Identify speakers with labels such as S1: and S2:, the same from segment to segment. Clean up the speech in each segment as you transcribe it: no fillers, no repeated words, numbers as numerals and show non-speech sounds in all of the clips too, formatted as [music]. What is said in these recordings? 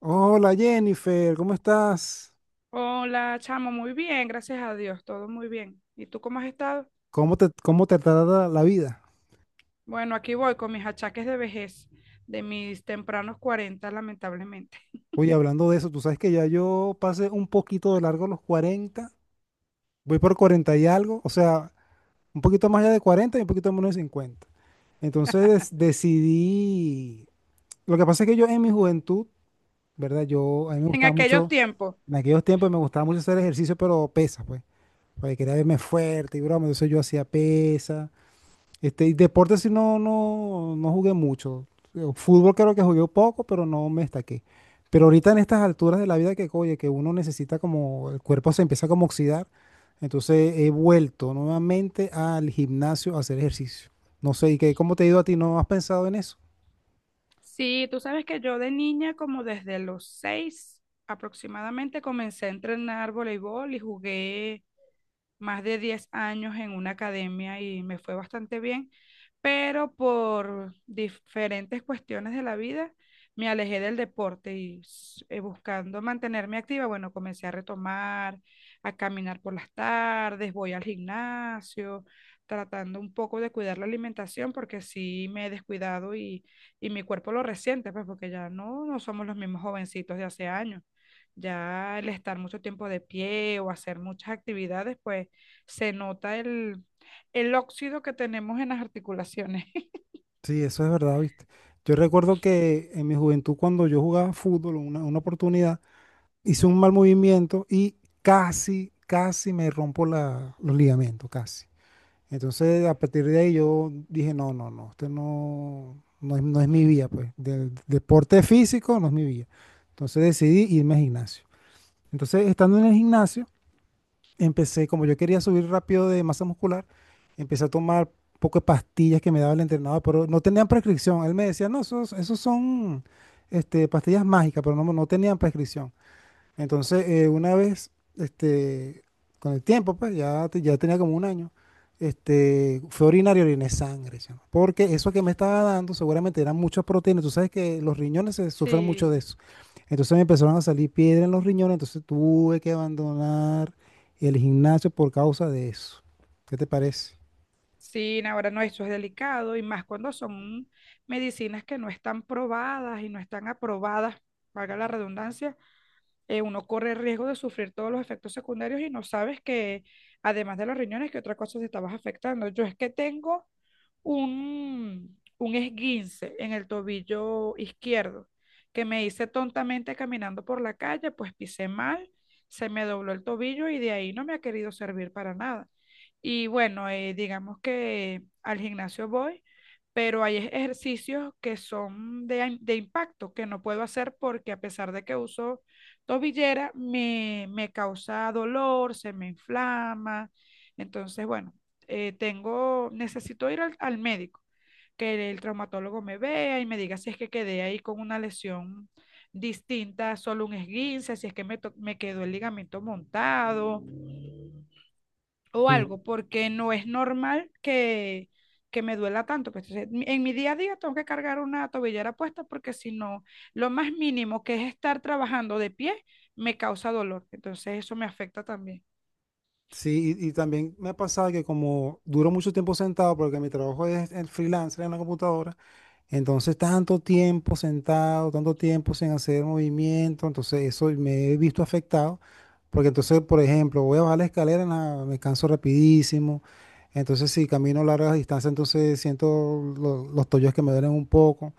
S1: Hola Jennifer, ¿cómo estás?
S2: Hola, chamo, muy bien, gracias a Dios, todo muy bien. ¿Y tú cómo has estado?
S1: ¿Cómo te trata la vida?
S2: Bueno, aquí voy con mis achaques de vejez, de mis tempranos 40, lamentablemente.
S1: Oye,
S2: [laughs]
S1: hablando de eso, tú sabes que ya yo pasé un poquito de largo los 40, voy por 40 y algo, o sea, un poquito más allá de 40 y un poquito menos de 50. Entonces decidí, lo que pasa es que yo en mi juventud, ¿verdad? A mí me
S2: En
S1: gustaba
S2: aquellos
S1: mucho,
S2: tiempos.
S1: en aquellos tiempos me gustaba mucho hacer ejercicio, pero pesas, pues, porque quería verme fuerte y broma, entonces yo hacía pesas. Y deporte sí no jugué mucho. Fútbol creo que jugué poco, pero no me destaqué. Pero ahorita en estas alturas de la vida que, oye, que uno necesita como, el cuerpo se empieza como a oxidar. Entonces he vuelto nuevamente al gimnasio a hacer ejercicio. No sé, ¿y qué, cómo te ha ido a ti? ¿No has pensado en eso?
S2: Sí, tú sabes que yo de niña, como desde los 6 aproximadamente, comencé a entrenar voleibol y jugué más de 10 años en una academia y me fue bastante bien, pero por diferentes cuestiones de la vida me alejé del deporte y buscando mantenerme activa, bueno, comencé a retomar, a caminar por las tardes, voy al gimnasio, tratando un poco de cuidar la alimentación porque sí me he descuidado y mi cuerpo lo resiente, pues porque ya no somos los mismos jovencitos de hace años. Ya el estar mucho tiempo de pie o hacer muchas actividades, pues se nota el óxido que tenemos en las articulaciones. [laughs]
S1: Sí, eso es verdad, ¿viste? Yo recuerdo que en mi juventud, cuando yo jugaba fútbol, una oportunidad, hice un mal movimiento y casi, casi me rompo los ligamentos, casi. Entonces, a partir de ahí yo dije, no, no, no, esto no, no es mi vía, pues. Del deporte físico no es mi vía. Entonces decidí irme al gimnasio. Entonces, estando en el gimnasio, empecé, como yo quería subir rápido de masa muscular, empecé a tomar un poco de pastillas que me daba el entrenador, pero no tenían prescripción. Él me decía, no, esos son pastillas mágicas, pero no tenían prescripción. Entonces, una vez, este, con el tiempo, pues ya, ya tenía como un año, fue orinar y oriné sangre, chamo, porque eso que me estaba dando seguramente eran muchas proteínas. Tú sabes que los riñones se sufren mucho de
S2: Sí,
S1: eso. Entonces me empezaron a salir piedras en los riñones, entonces tuve que abandonar el gimnasio por causa de eso. ¿Qué te parece?
S2: sí, ahora no, eso es delicado y más cuando son medicinas que no están probadas y no están aprobadas, valga la redundancia. Uno corre el riesgo de sufrir todos los efectos secundarios y no sabes que, además de los riñones, que otra cosa te estabas afectando. Yo es que tengo un esguince en el tobillo izquierdo que me hice tontamente caminando por la calle, pues pisé mal, se me dobló el tobillo y de ahí no me ha querido servir para nada. Y bueno, digamos que al gimnasio voy, pero hay ejercicios que son de, de impacto que no puedo hacer porque a pesar de que uso tobillera me causa dolor, se me inflama. Entonces, bueno, tengo, necesito ir al médico, que el traumatólogo me vea y me diga si es que quedé ahí con una lesión distinta, solo un esguince, si es que me quedó el ligamento montado, o
S1: Sí,
S2: algo, porque no es normal que me duela tanto. Pues, entonces, en mi día a día tengo que cargar una tobillera puesta porque si no, lo más mínimo que es estar trabajando de pie me causa dolor. Entonces eso me afecta también.
S1: sí, y también me ha pasado que como duro mucho tiempo sentado, porque mi trabajo es el freelancer en la computadora. Entonces, tanto tiempo sentado, tanto tiempo sin hacer movimiento, entonces eso me he visto afectado, porque entonces, por ejemplo, voy a bajar la escalera, me canso rapidísimo, entonces si camino largas distancias, entonces siento los tobillos que me duelen un poco.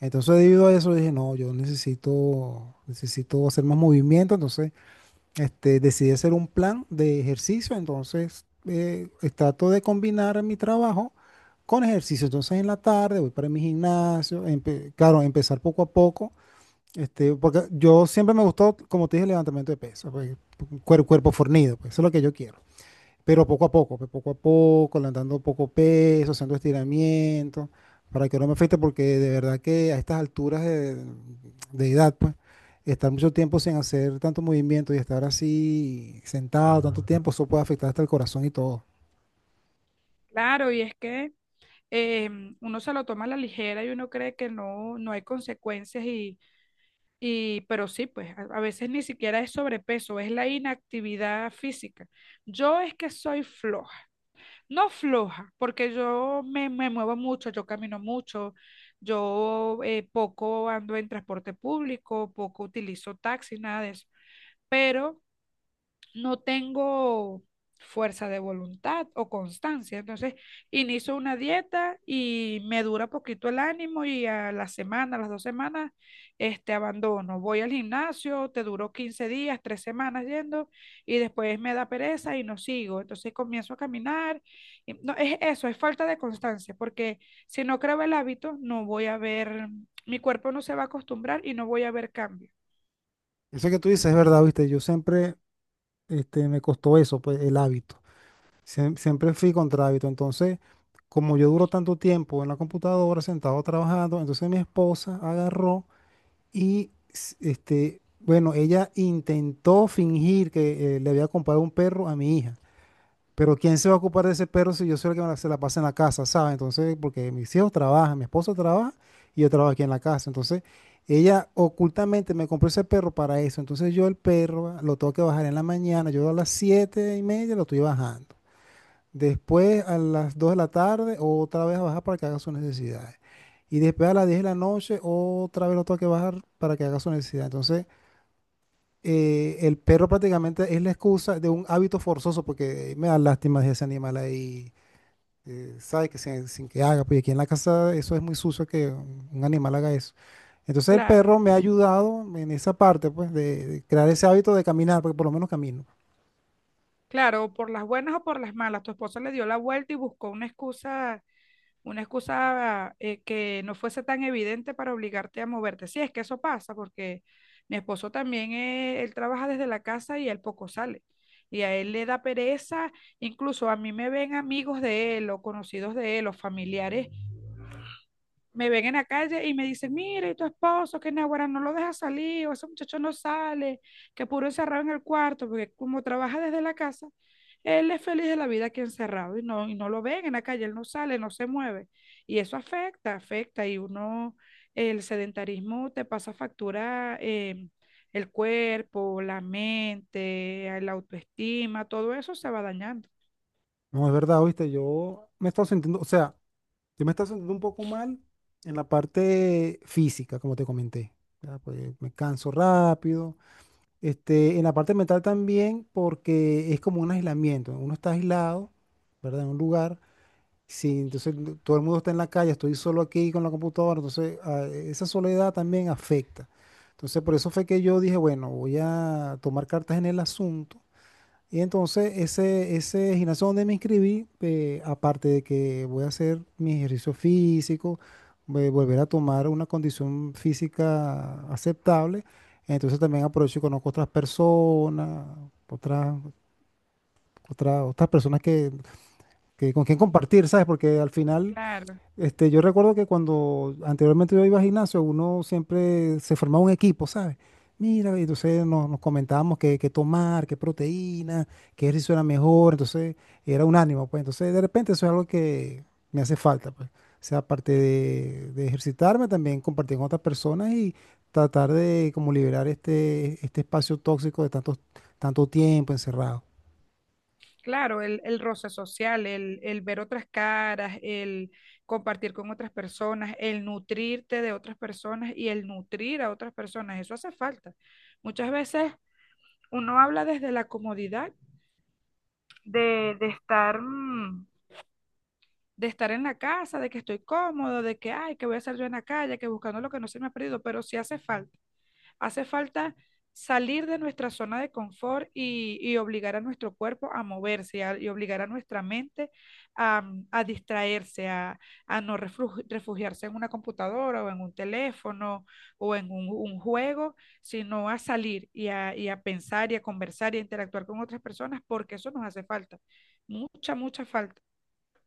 S1: Entonces, debido a eso, dije, no, yo necesito hacer más movimiento, entonces decidí hacer un plan de ejercicio, entonces trato de combinar mi trabajo con ejercicio. Entonces en la tarde voy para mi gimnasio, claro, empezar poco a poco, porque yo siempre me gustó, como te dije, el levantamiento de pesas, pues, cuerpo fornido, pues eso es lo que yo quiero. Pero poco a poco, pues, poco a poco, levantando poco peso, haciendo estiramientos, para que no me afecte, porque de verdad que a estas alturas de edad, pues, estar mucho tiempo sin hacer tanto movimiento y estar así sentado tanto tiempo, eso puede afectar hasta el corazón y todo.
S2: Claro, y es que uno se lo toma a la ligera y uno cree que no, no hay consecuencias y, pero sí, pues a veces ni siquiera es sobrepeso, es la inactividad física. Yo es que soy floja. No floja, porque yo me muevo mucho, yo camino mucho, yo poco ando en transporte público, poco utilizo taxi, nada de eso. Pero no tengo fuerza de voluntad o constancia. Entonces, inicio una dieta y me dura poquito el ánimo y a la semana, a las 2 semanas, abandono. Voy al gimnasio, te duró 15 días, 3 semanas yendo y después me da pereza y no sigo. Entonces comienzo a caminar. No, es eso, es falta de constancia, porque si no creo el hábito, no voy a ver, mi cuerpo no se va a acostumbrar y no voy a ver cambio.
S1: Eso que tú dices es verdad, viste, yo siempre me costó eso, pues, el hábito. Siempre fui contra hábito. Entonces, como yo duro tanto tiempo en la computadora, sentado trabajando, entonces mi esposa agarró. Y bueno, ella intentó fingir que le había comprado un perro a mi hija. Pero ¿quién se va a ocupar de ese perro si yo soy el que se la pasa en la casa, ¿sabes? Entonces, porque mis hijos trabajan, mi esposo trabaja y yo trabajo aquí en la casa. Entonces, ella ocultamente me compró ese perro para eso. Entonces, yo el perro lo tengo que bajar en la mañana. Yo a las 7:30 lo estoy bajando. Después a las 2 de la tarde, otra vez a bajar para que haga sus necesidades. Y después a las 10 de la noche, otra vez lo tengo que bajar para que haga su necesidad. Entonces, el perro prácticamente es la excusa de un hábito forzoso, porque me da lástima de ese animal ahí, sabe que sin que haga, porque aquí en la casa eso es muy sucio que un animal haga eso. Entonces, el
S2: Claro.
S1: perro me ha ayudado en esa parte, pues, de crear ese hábito de caminar, porque por lo menos camino.
S2: Claro, por las buenas o por las malas, tu esposa le dio la vuelta y buscó una excusa que no fuese tan evidente para obligarte a moverte. Sí, es que eso pasa porque mi esposo también, él trabaja desde la casa y él poco sale. Y a él le da pereza, incluso a mí me ven amigos de él o conocidos de él o familiares me ven en la calle y me dicen: mira, ¿y tu esposo, que naguará, no lo deja salir?, o ese muchacho no sale, que puro encerrado en el cuarto, porque como trabaja desde la casa, él es feliz de la vida aquí encerrado y no lo ven en la calle, él no sale, no se mueve. Y eso afecta, afecta, y uno, el sedentarismo te pasa factura, el cuerpo, la mente, la autoestima, todo eso se va dañando.
S1: No, es verdad, oíste, yo me he estado sintiendo, o sea, yo me está sintiendo un poco mal en la parte física, como te comenté. Ya, pues, me canso rápido. En la parte mental también, porque es como un aislamiento. Uno está aislado, ¿verdad? En un lugar. Sí, entonces todo el mundo está en la calle, estoy solo aquí con la computadora. Entonces, ah, esa soledad también afecta. Entonces, por eso fue que yo dije, bueno, voy a tomar cartas en el asunto y entonces ese gimnasio donde me inscribí, aparte de que voy a hacer mi ejercicio físico, voy a volver a tomar una condición física aceptable, entonces también aprovecho y conozco otras personas, otras, otras personas que con quien compartir, ¿sabes? Porque al final
S2: Claro.
S1: yo recuerdo que cuando anteriormente yo iba al gimnasio, uno siempre se formaba un equipo, ¿sabes? Mira, y entonces nos, nos comentábamos qué, qué tomar, qué proteína, qué ejercicio era mejor, entonces era un ánimo, pues entonces de repente eso es algo que me hace falta, pues. O sea, aparte de ejercitarme, también compartir con otras personas y tratar de como liberar este espacio tóxico de tanto, tanto tiempo encerrado.
S2: Claro, el roce social, el ver otras caras, el compartir con otras personas, el nutrirte de otras personas y el nutrir a otras personas, eso hace falta. Muchas veces uno habla desde la comodidad de estar, de estar en la casa, de que estoy cómodo, de que, ay, que voy a hacer yo en la calle, que buscando lo que no se me ha perdido, pero sí hace falta. Hace falta salir de nuestra zona de confort y obligar a nuestro cuerpo a moverse y obligar a nuestra mente a, a distraerse, a no refugiarse en una computadora o en un teléfono o en un juego, sino a salir y a pensar y a conversar y a interactuar con otras personas porque eso nos hace falta, mucha, mucha falta.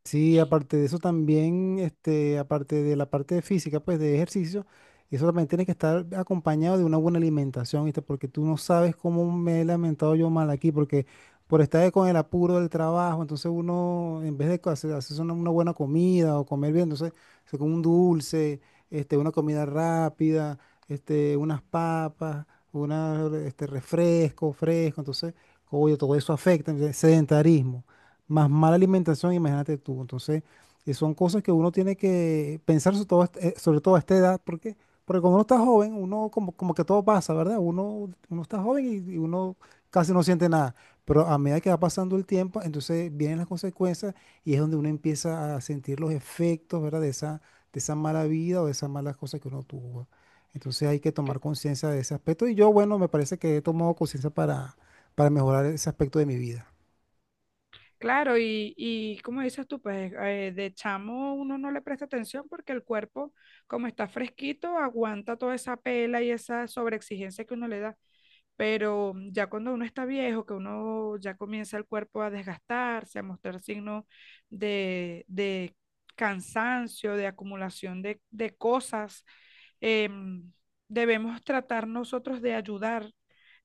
S1: Sí, aparte de eso también, aparte de la parte de física, pues de ejercicio, eso también tiene que estar acompañado de una buena alimentación, ¿viste? Porque tú no sabes cómo me he lamentado yo mal aquí, porque por estar con el apuro del trabajo, entonces uno, en vez de hacer, hacerse una buena comida o comer bien, entonces se come un dulce, una comida rápida, unas papas, una, refresco, fresco, entonces, oye, todo eso afecta, entonces, sedentarismo más mala alimentación, imagínate tú. Entonces, son cosas que uno tiene que pensar sobre todo, sobre todo a esta edad, porque, cuando uno está joven, uno como, como que todo pasa, ¿verdad? Uno está joven y uno casi no siente nada. Pero a medida que va pasando el tiempo, entonces vienen las consecuencias y es donde uno empieza a sentir los efectos, ¿verdad? De esa mala vida o de esas malas cosas que uno tuvo. Entonces hay que tomar conciencia de ese aspecto y yo, bueno, me parece que he tomado conciencia para, mejorar ese aspecto de mi vida.
S2: Claro, y como dices tú, pues de chamo uno no le presta atención porque el cuerpo, como está fresquito, aguanta toda esa pela y esa sobreexigencia que uno le da. Pero ya cuando uno está viejo, que uno ya comienza el cuerpo a desgastarse, a mostrar signos de cansancio, de acumulación de cosas, em, debemos tratar nosotros de ayudar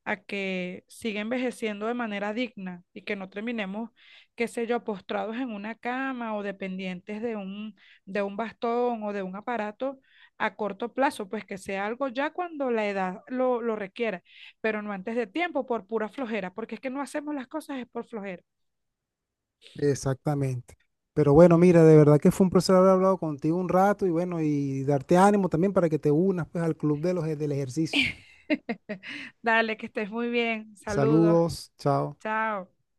S2: a que siga envejeciendo de manera digna y que no terminemos, qué sé yo, postrados en una cama o dependientes de un bastón o de un aparato a corto plazo, pues que sea algo ya cuando la edad lo requiera, pero no antes de tiempo por pura flojera, porque es que no hacemos las cosas es por flojera.
S1: Exactamente. Pero bueno, mira, de verdad que fue un placer haber hablado contigo un rato y bueno, y darte ánimo también para que te unas pues al club de del ejercicio.
S2: [laughs] Dale, que estés muy bien. Saludos.
S1: Saludos, chao.
S2: Chao.